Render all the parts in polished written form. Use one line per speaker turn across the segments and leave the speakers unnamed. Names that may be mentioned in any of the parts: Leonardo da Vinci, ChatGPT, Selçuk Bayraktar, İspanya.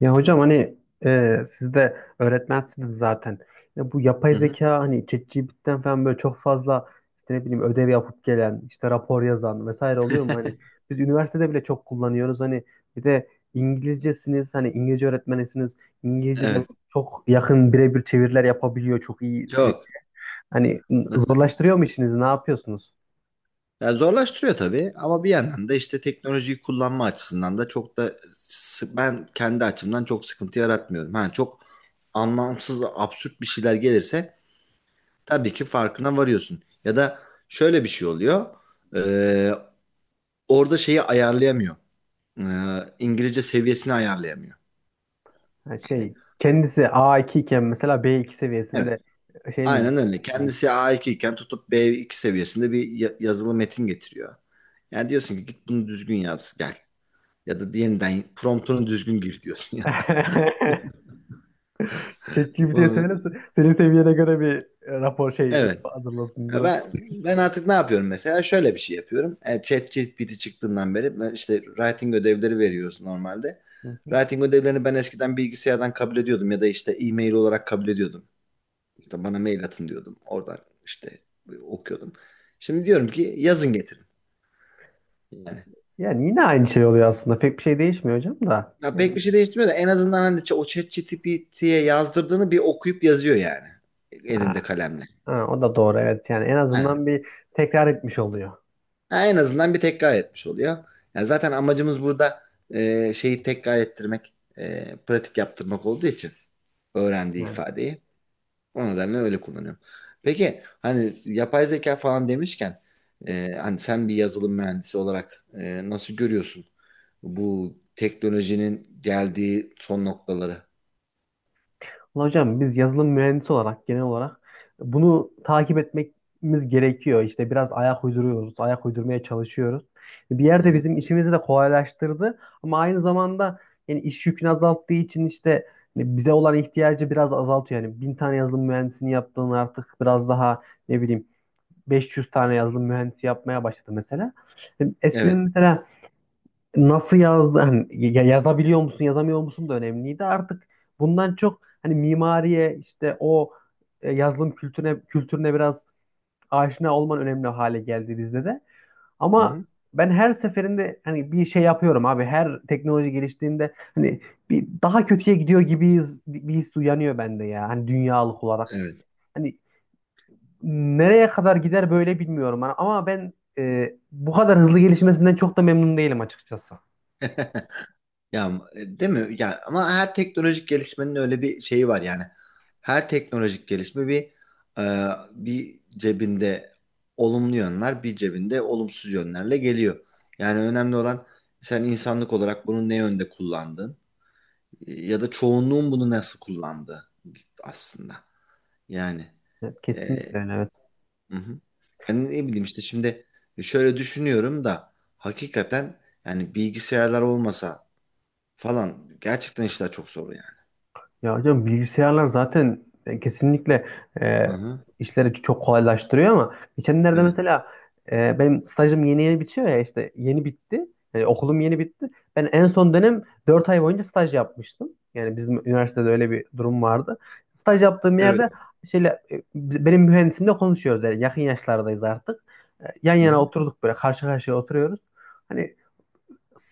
Ya hocam hani siz de öğretmensiniz zaten. Ya bu yapay
Hı hı.
zeka hani ChatGPT'den falan böyle çok fazla işte ne bileyim ödev yapıp gelen, işte rapor yazan vesaire oluyor mu? Hani biz üniversitede bile çok kullanıyoruz. Hani bir de İngilizcesiniz, hani İngilizce öğretmenisiniz. İngilizce de
Evet,
çok yakın birebir çeviriler yapabiliyor. Çok iyi.
çok.
Hani zorlaştırıyor mu işinizi? Ne yapıyorsunuz?
Ya zorlaştırıyor tabii ama bir yandan da işte teknolojiyi kullanma açısından da çok da ben kendi açımdan çok sıkıntı yaratmıyorum. Ha, çok anlamsız, absürt bir şeyler gelirse tabii ki farkına varıyorsun. Ya da şöyle bir şey oluyor. Ee, orada şeyi ayarlayamıyor. Ee, İngilizce seviyesini ayarlayamıyor.
Yani
Yani,
şey kendisi A2 iken mesela B2
evet.
seviyesinde şey mi?
Aynen öyle.
Gitti?
Kendisi A2 iken tutup B2 seviyesinde bir yazılı metin getiriyor. Yani diyorsun ki git bunu düzgün yaz gel. Ya da yeniden promptunu düzgün gir diyorsun ya.
ChatGPT'ye söyle senin seviyene göre bir rapor şey ödev
Evet.
hazırlasın
Ya
bunu.
ben artık ne yapıyorum mesela? Şöyle bir şey yapıyorum. ChatGPT çıktığından beri ben işte writing ödevleri veriyoruz normalde.
Hı hı.
Writing ödevlerini ben eskiden bilgisayardan kabul ediyordum ya da işte e-mail olarak kabul ediyordum. İşte bana mail atın diyordum. Oradan işte okuyordum. Şimdi diyorum ki yazın getirin. Yani
Yani yine aynı şey oluyor aslında. Pek bir şey değişmiyor hocam da.
ya
Yani,
pek bir şey değiştirmiyor da en azından hani o ChatGPT'ye yazdırdığını bir okuyup yazıyor yani
ha,
elinde kalemle.
ha, o da doğru evet. Yani en
Ha,
azından bir tekrar etmiş oluyor.
Ha, en azından bir tekrar etmiş oluyor. Yani zaten amacımız burada şeyi tekrar ettirmek, pratik yaptırmak olduğu için öğrendiği
Yani
ifadeyi. O nedenle öyle kullanıyorum. Peki hani yapay zeka falan demişken hani sen bir yazılım mühendisi olarak nasıl görüyorsun bu teknolojinin geldiği son noktaları?
ulan hocam biz yazılım mühendisi olarak genel olarak bunu takip etmemiz gerekiyor. İşte biraz ayak uyduruyoruz, ayak uydurmaya çalışıyoruz. Bir
Hı
yerde
hı.
bizim işimizi de kolaylaştırdı ama aynı zamanda yani iş yükünü azalttığı için işte hani bize olan ihtiyacı biraz azaltıyor. Yani bin tane yazılım mühendisini yaptığını artık biraz daha ne bileyim 500 tane yazılım mühendisi yapmaya başladı mesela. Yani eskiden
Evet.
mesela nasıl yazdı hani yazabiliyor musun yazamıyor musun da önemliydi, artık bundan çok hani mimariye işte o yazılım kültürüne biraz aşina olman önemli hale geldi bizde de,
Hı
ama
hı.
ben her seferinde hani bir şey yapıyorum abi, her teknoloji geliştiğinde hani bir daha kötüye gidiyor gibiyiz, bir his uyanıyor bende ya, hani dünyalık olarak
Evet.
hani nereye kadar gider böyle bilmiyorum. Hani ama ben bu kadar hızlı gelişmesinden çok da memnun değilim açıkçası.
Ya değil mi? Ya ama her teknolojik gelişmenin öyle bir şeyi var yani. Her teknolojik gelişme bir cebinde olumlu yönler, bir cebinde olumsuz yönlerle geliyor. Yani önemli olan sen insanlık olarak bunu ne yönde kullandın ya da çoğunluğun bunu nasıl kullandığı aslında. Yani
Evet,
e,
kesinlikle öyle. Evet.
hı hı. Yani ne bileyim işte şimdi şöyle düşünüyorum da hakikaten yani bilgisayarlar olmasa falan gerçekten işler çok zor.
Ya hocam bilgisayarlar zaten kesinlikle e,
Aha,
işleri çok kolaylaştırıyor, ama geçenlerde
evet.
mesela benim stajım yeni yeni bitiyor ya, işte yeni bitti. Yani okulum yeni bitti. Ben en son dönem 4 ay boyunca staj yapmıştım. Yani bizim üniversitede öyle bir durum vardı. Staj yaptığım
Evet.
yerde şöyle, benim mühendisimle konuşuyoruz, yani yakın yaşlardayız artık. Yan
Hı
yana
hı.
oturduk böyle, karşı karşıya oturuyoruz. Hani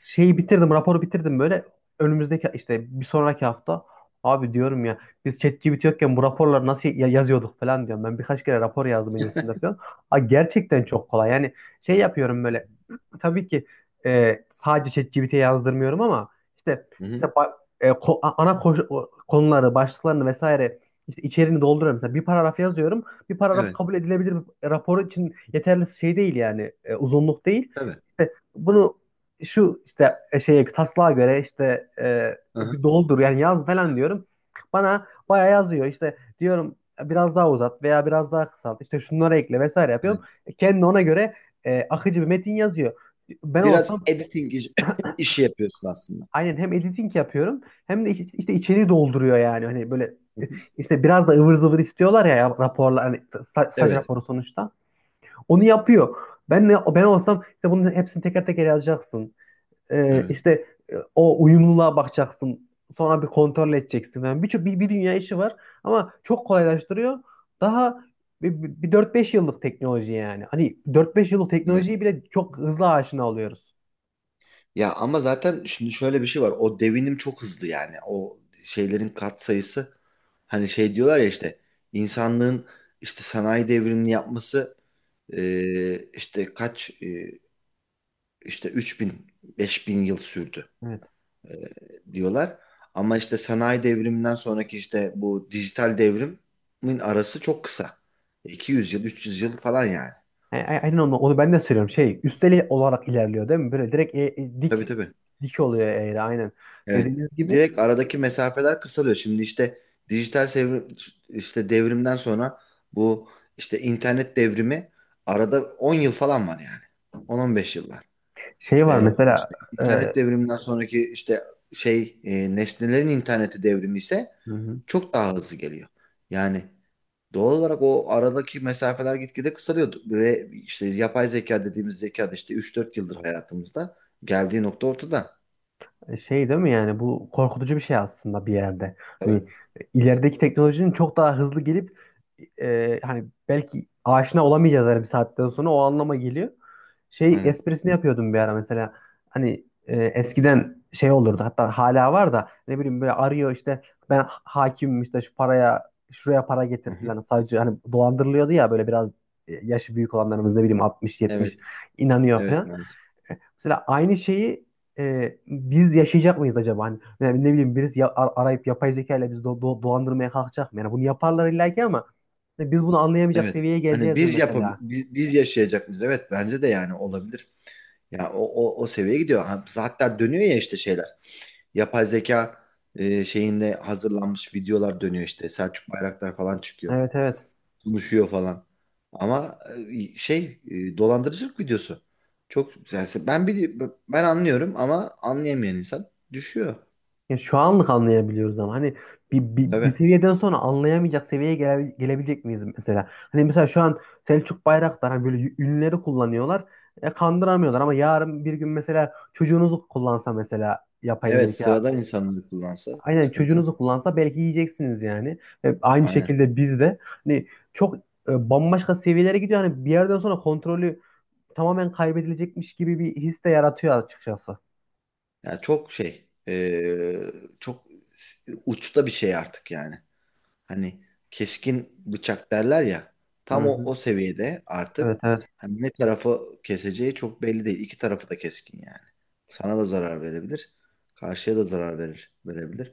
şeyi bitirdim, raporu bitirdim böyle. Önümüzdeki işte bir sonraki hafta, abi diyorum ya, biz ChatGPT yokken bu raporları nasıl yazıyorduk falan diyorum. Ben birkaç kere rapor yazdım öncesinde falan. Aa, gerçekten çok kolay. Yani şey yapıyorum böyle. Tabii ki sadece ChatGPT'ye yazdırmıyorum ama işte
Hı hı.
mesela konuları, başlıklarını vesaire işte içeriğini dolduruyorum. Mesela bir paragraf yazıyorum. Bir paragraf
Evet.
kabul edilebilir bir rapor için yeterli şey değil, yani uzunluk değil.
Tabii.
İşte bunu şu işte şeye taslağa göre işte
Aha,
bir doldur yani yaz falan diyorum. Bana bayağı yazıyor, işte diyorum biraz daha uzat veya biraz daha kısalt, işte şunları ekle vesaire yapıyorum.
evet.
E, kendi ona göre akıcı bir metin yazıyor. Ben
Biraz
olsam,
editing işi yapıyorsun aslında.
aynen, hem editing yapıyorum hem de işte içeriği dolduruyor, yani hani böyle
Hı
e,
hı.
işte biraz da ıvır zıvır istiyorlar ya raporlar, hani staj
Evet.
raporu sonuçta. Onu yapıyor. Ben olsam işte bunun hepsini teker teker yazacaksın.
Evet.
İşte o uyumluluğa bakacaksın. Sonra bir kontrol edeceksin. Yani birçok bir dünya işi var ama çok kolaylaştırıyor. Daha bir 4-5 yıllık teknoloji yani. Hani dört beş yıllık
Evet.
teknolojiyi bile çok hızlı aşina oluyoruz.
Ya ama zaten şimdi şöyle bir şey var. O devinim çok hızlı yani. O şeylerin kat sayısı hani şey diyorlar ya işte insanlığın işte sanayi devrimini yapması işte kaç işte 3000 bin 5.000 yıl sürdü.
Evet.
Diyorlar. Ama işte sanayi devriminden sonraki işte bu dijital devrimin arası çok kısa. 200 yıl, 300 yıl falan yani.
Aynen onu ben de söylüyorum. Şey, üsteli olarak ilerliyor değil mi? Böyle direkt dik
Tabii tabii.
dik oluyor eğri, aynen.
Evet.
Dediğiniz gibi
Direkt aradaki mesafeler kısalıyor. Şimdi işte dijital işte devrimden sonra bu işte internet devrimi arada 10 yıl falan var yani. 10-15 yıllar.
şey var mesela.
İşte
e,
internet devriminden sonraki işte şey nesnelerin interneti devrimi ise çok daha hızlı geliyor. Yani doğal olarak o aradaki mesafeler gitgide kısalıyor ve işte yapay zeka dediğimiz zeka da işte 3-4 yıldır hayatımızda geldiği nokta ortada.
Şey değil mi, yani bu korkutucu bir şey aslında bir yerde.
Tabii.
Hani ilerideki teknolojinin çok daha hızlı gelip hani belki aşina olamayacağız, her bir saatten sonra o anlama geliyor. Şey
Aynen.
esprisini yapıyordum bir ara mesela, hani eskiden şey olurdu, hatta hala var da, ne bileyim böyle arıyor işte, ben hakimim işte, şu paraya şuraya para
Hı
getir
hı.
falan savcı, hani dolandırılıyordu ya böyle biraz yaşı büyük olanlarımız, ne bileyim altmış yetmiş
Evet.
inanıyor
Evet
falan.
Nazım.
Mesela aynı şeyi biz yaşayacak mıyız acaba? Hani, yani ne bileyim birisi arayıp yapay zeka ile bizi dolandırmaya kalkacak mı? Yani bunu yaparlar illa ki, ama hani biz bunu anlayamayacak
Evet.
seviyeye
Hani
geleceğiz mi
biz yapab
mesela?
biz, biz yaşayacak mıyız? Evet bence de yani olabilir. Ya o seviyeye gidiyor. Ha, Hatta dönüyor ya işte şeyler. Yapay zeka şeyinde hazırlanmış videolar dönüyor işte. Selçuk Bayraktar falan çıkıyor
Evet evet.
konuşuyor falan. Ama şey dolandırıcılık videosu. Çok yani ben anlıyorum ama anlayamayan insan düşüyor.
Ya şu anlık anlayabiliyoruz ama hani bir
Tabii.
seviyeden sonra anlayamayacak seviyeye gelebilecek miyiz mesela? Hani mesela şu an Selçuk Bayraktar hani böyle ünleri kullanıyorlar. E, kandıramıyorlar ama yarın bir gün mesela çocuğunuzu kullansa, mesela yapay
Evet
zeka.
sıradan insanları kullansa
Aynen,
sıkıntı.
çocuğunuzu kullansa belki yiyeceksiniz yani. E, aynı
Aynen.
şekilde biz de hani çok bambaşka seviyelere gidiyor. Hani bir yerden sonra kontrolü tamamen kaybedilecekmiş gibi bir his de yaratıyor açıkçası.
Yani çok şey uçta bir şey artık yani. Hani keskin bıçak derler ya.
Hı
Tam o,
hı.
o seviyede
Evet
artık
evet.
hani ne tarafı keseceği çok belli değil. İki tarafı da keskin yani. Sana da zarar verebilir. Karşıya da zarar verir, verebilir.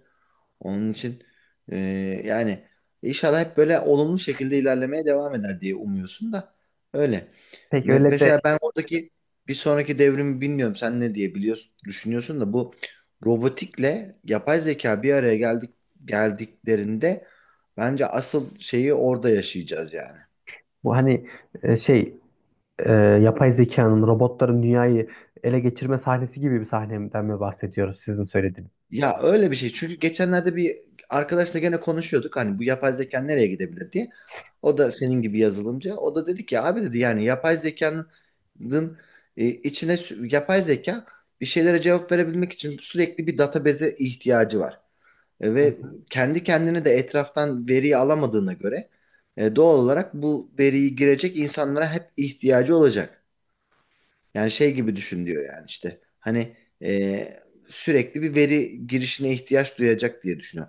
Onun için e, yani inşallah hep böyle olumlu şekilde ilerlemeye devam eder diye umuyorsun da öyle.
Peki öyle de
Mesela ben oradaki bir sonraki devrimi bilmiyorum. Sen ne diye biliyorsun, düşünüyorsun da bu robotikle yapay zeka bir araya geldiklerinde bence asıl şeyi orada yaşayacağız yani.
bu hani şey yapay zekanın, robotların dünyayı ele geçirme sahnesi gibi bir sahneden mi bahsediyoruz sizin söylediğiniz?
Ya öyle bir şey. Çünkü geçenlerde bir arkadaşla gene konuşuyorduk. Hani bu yapay zeka nereye gidebilir diye. O da senin gibi yazılımcı. O da dedi ki abi dedi yani yapay zekanın yapay zeka bir şeylere cevap verebilmek için sürekli bir database'e ihtiyacı var. E,
Hı
ve
hı.
kendi kendine de etraftan veriyi alamadığına göre doğal olarak bu veriyi girecek insanlara hep ihtiyacı olacak. Yani şey gibi düşün diyor yani işte. Hani e, sürekli bir veri girişine ihtiyaç duyacak diye düşünüyor.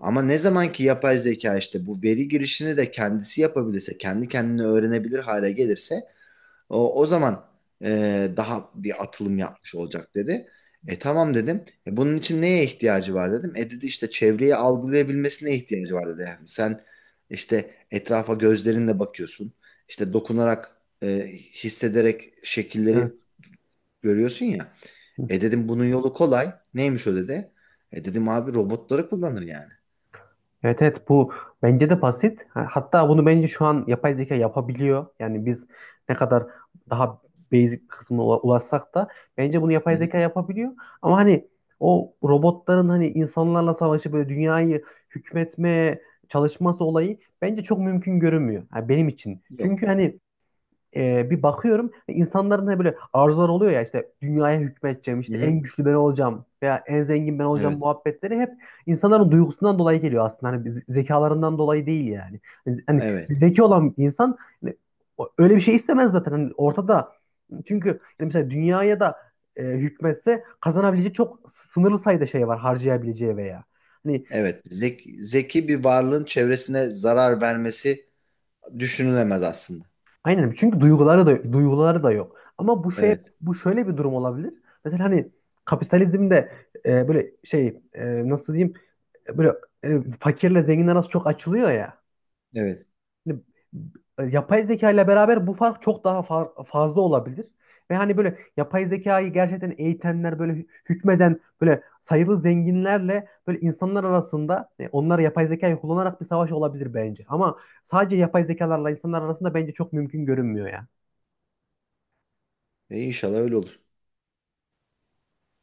Ama ne zaman ki yapay zeka işte bu veri girişini de kendisi yapabilirse, kendi kendini öğrenebilir hale gelirse o zaman daha bir atılım yapmış olacak dedi. E tamam dedim. Bunun için neye ihtiyacı var dedim. E dedi işte çevreyi algılayabilmesine ihtiyacı var dedi. Yani sen işte etrafa gözlerinle bakıyorsun. İşte dokunarak, e, hissederek şekilleri
Evet.
görüyorsun ya. E dedim bunun yolu kolay. Neymiş o dedi. E dedim abi robotları kullanır yani.
Evet evet, bu bence de basit. Hatta bunu bence şu an yapay zeka yapabiliyor. Yani biz ne kadar daha basic kısmına ulaşsak da bence bunu
Hı
yapay
hı.
zeka yapabiliyor. Ama hani o robotların hani insanlarla savaşı böyle dünyayı hükmetmeye çalışması olayı bence çok mümkün görünmüyor. Ha, benim için.
Yok.
Çünkü hani bir bakıyorum insanların hani böyle arzular oluyor ya, işte dünyaya hükmedeceğim,
Hı
işte en
hı.
güçlü ben olacağım veya en zengin ben olacağım
Evet.
muhabbetleri, hep insanların duygusundan dolayı geliyor aslında, hani zekalarından dolayı değil yani. Hani hani
Evet.
zeki olan bir insan hani öyle bir şey istemez zaten. Hani ortada, çünkü yani mesela dünyaya da hükmetse kazanabileceği çok sınırlı sayıda şey var harcayabileceği veya. Hani
Evet. Zeki bir varlığın çevresine zarar vermesi düşünülemez aslında.
aynen, çünkü duyguları da duyguları da yok. Ama bu şey,
Evet.
bu şöyle bir durum olabilir. Mesela hani kapitalizmde böyle şey, nasıl diyeyim, böyle fakirle zengin arası çok açılıyor ya.
Evet.
Hani, yapay zeka ile beraber bu fark çok daha fazla olabilir. Ve hani böyle yapay zekayı gerçekten eğitenler, böyle hükmeden böyle sayılı zenginlerle böyle insanlar arasında, onlar yapay zekayı kullanarak bir savaş olabilir bence. Ama sadece yapay zekalarla insanlar arasında bence çok mümkün görünmüyor ya.
E inşallah öyle olur.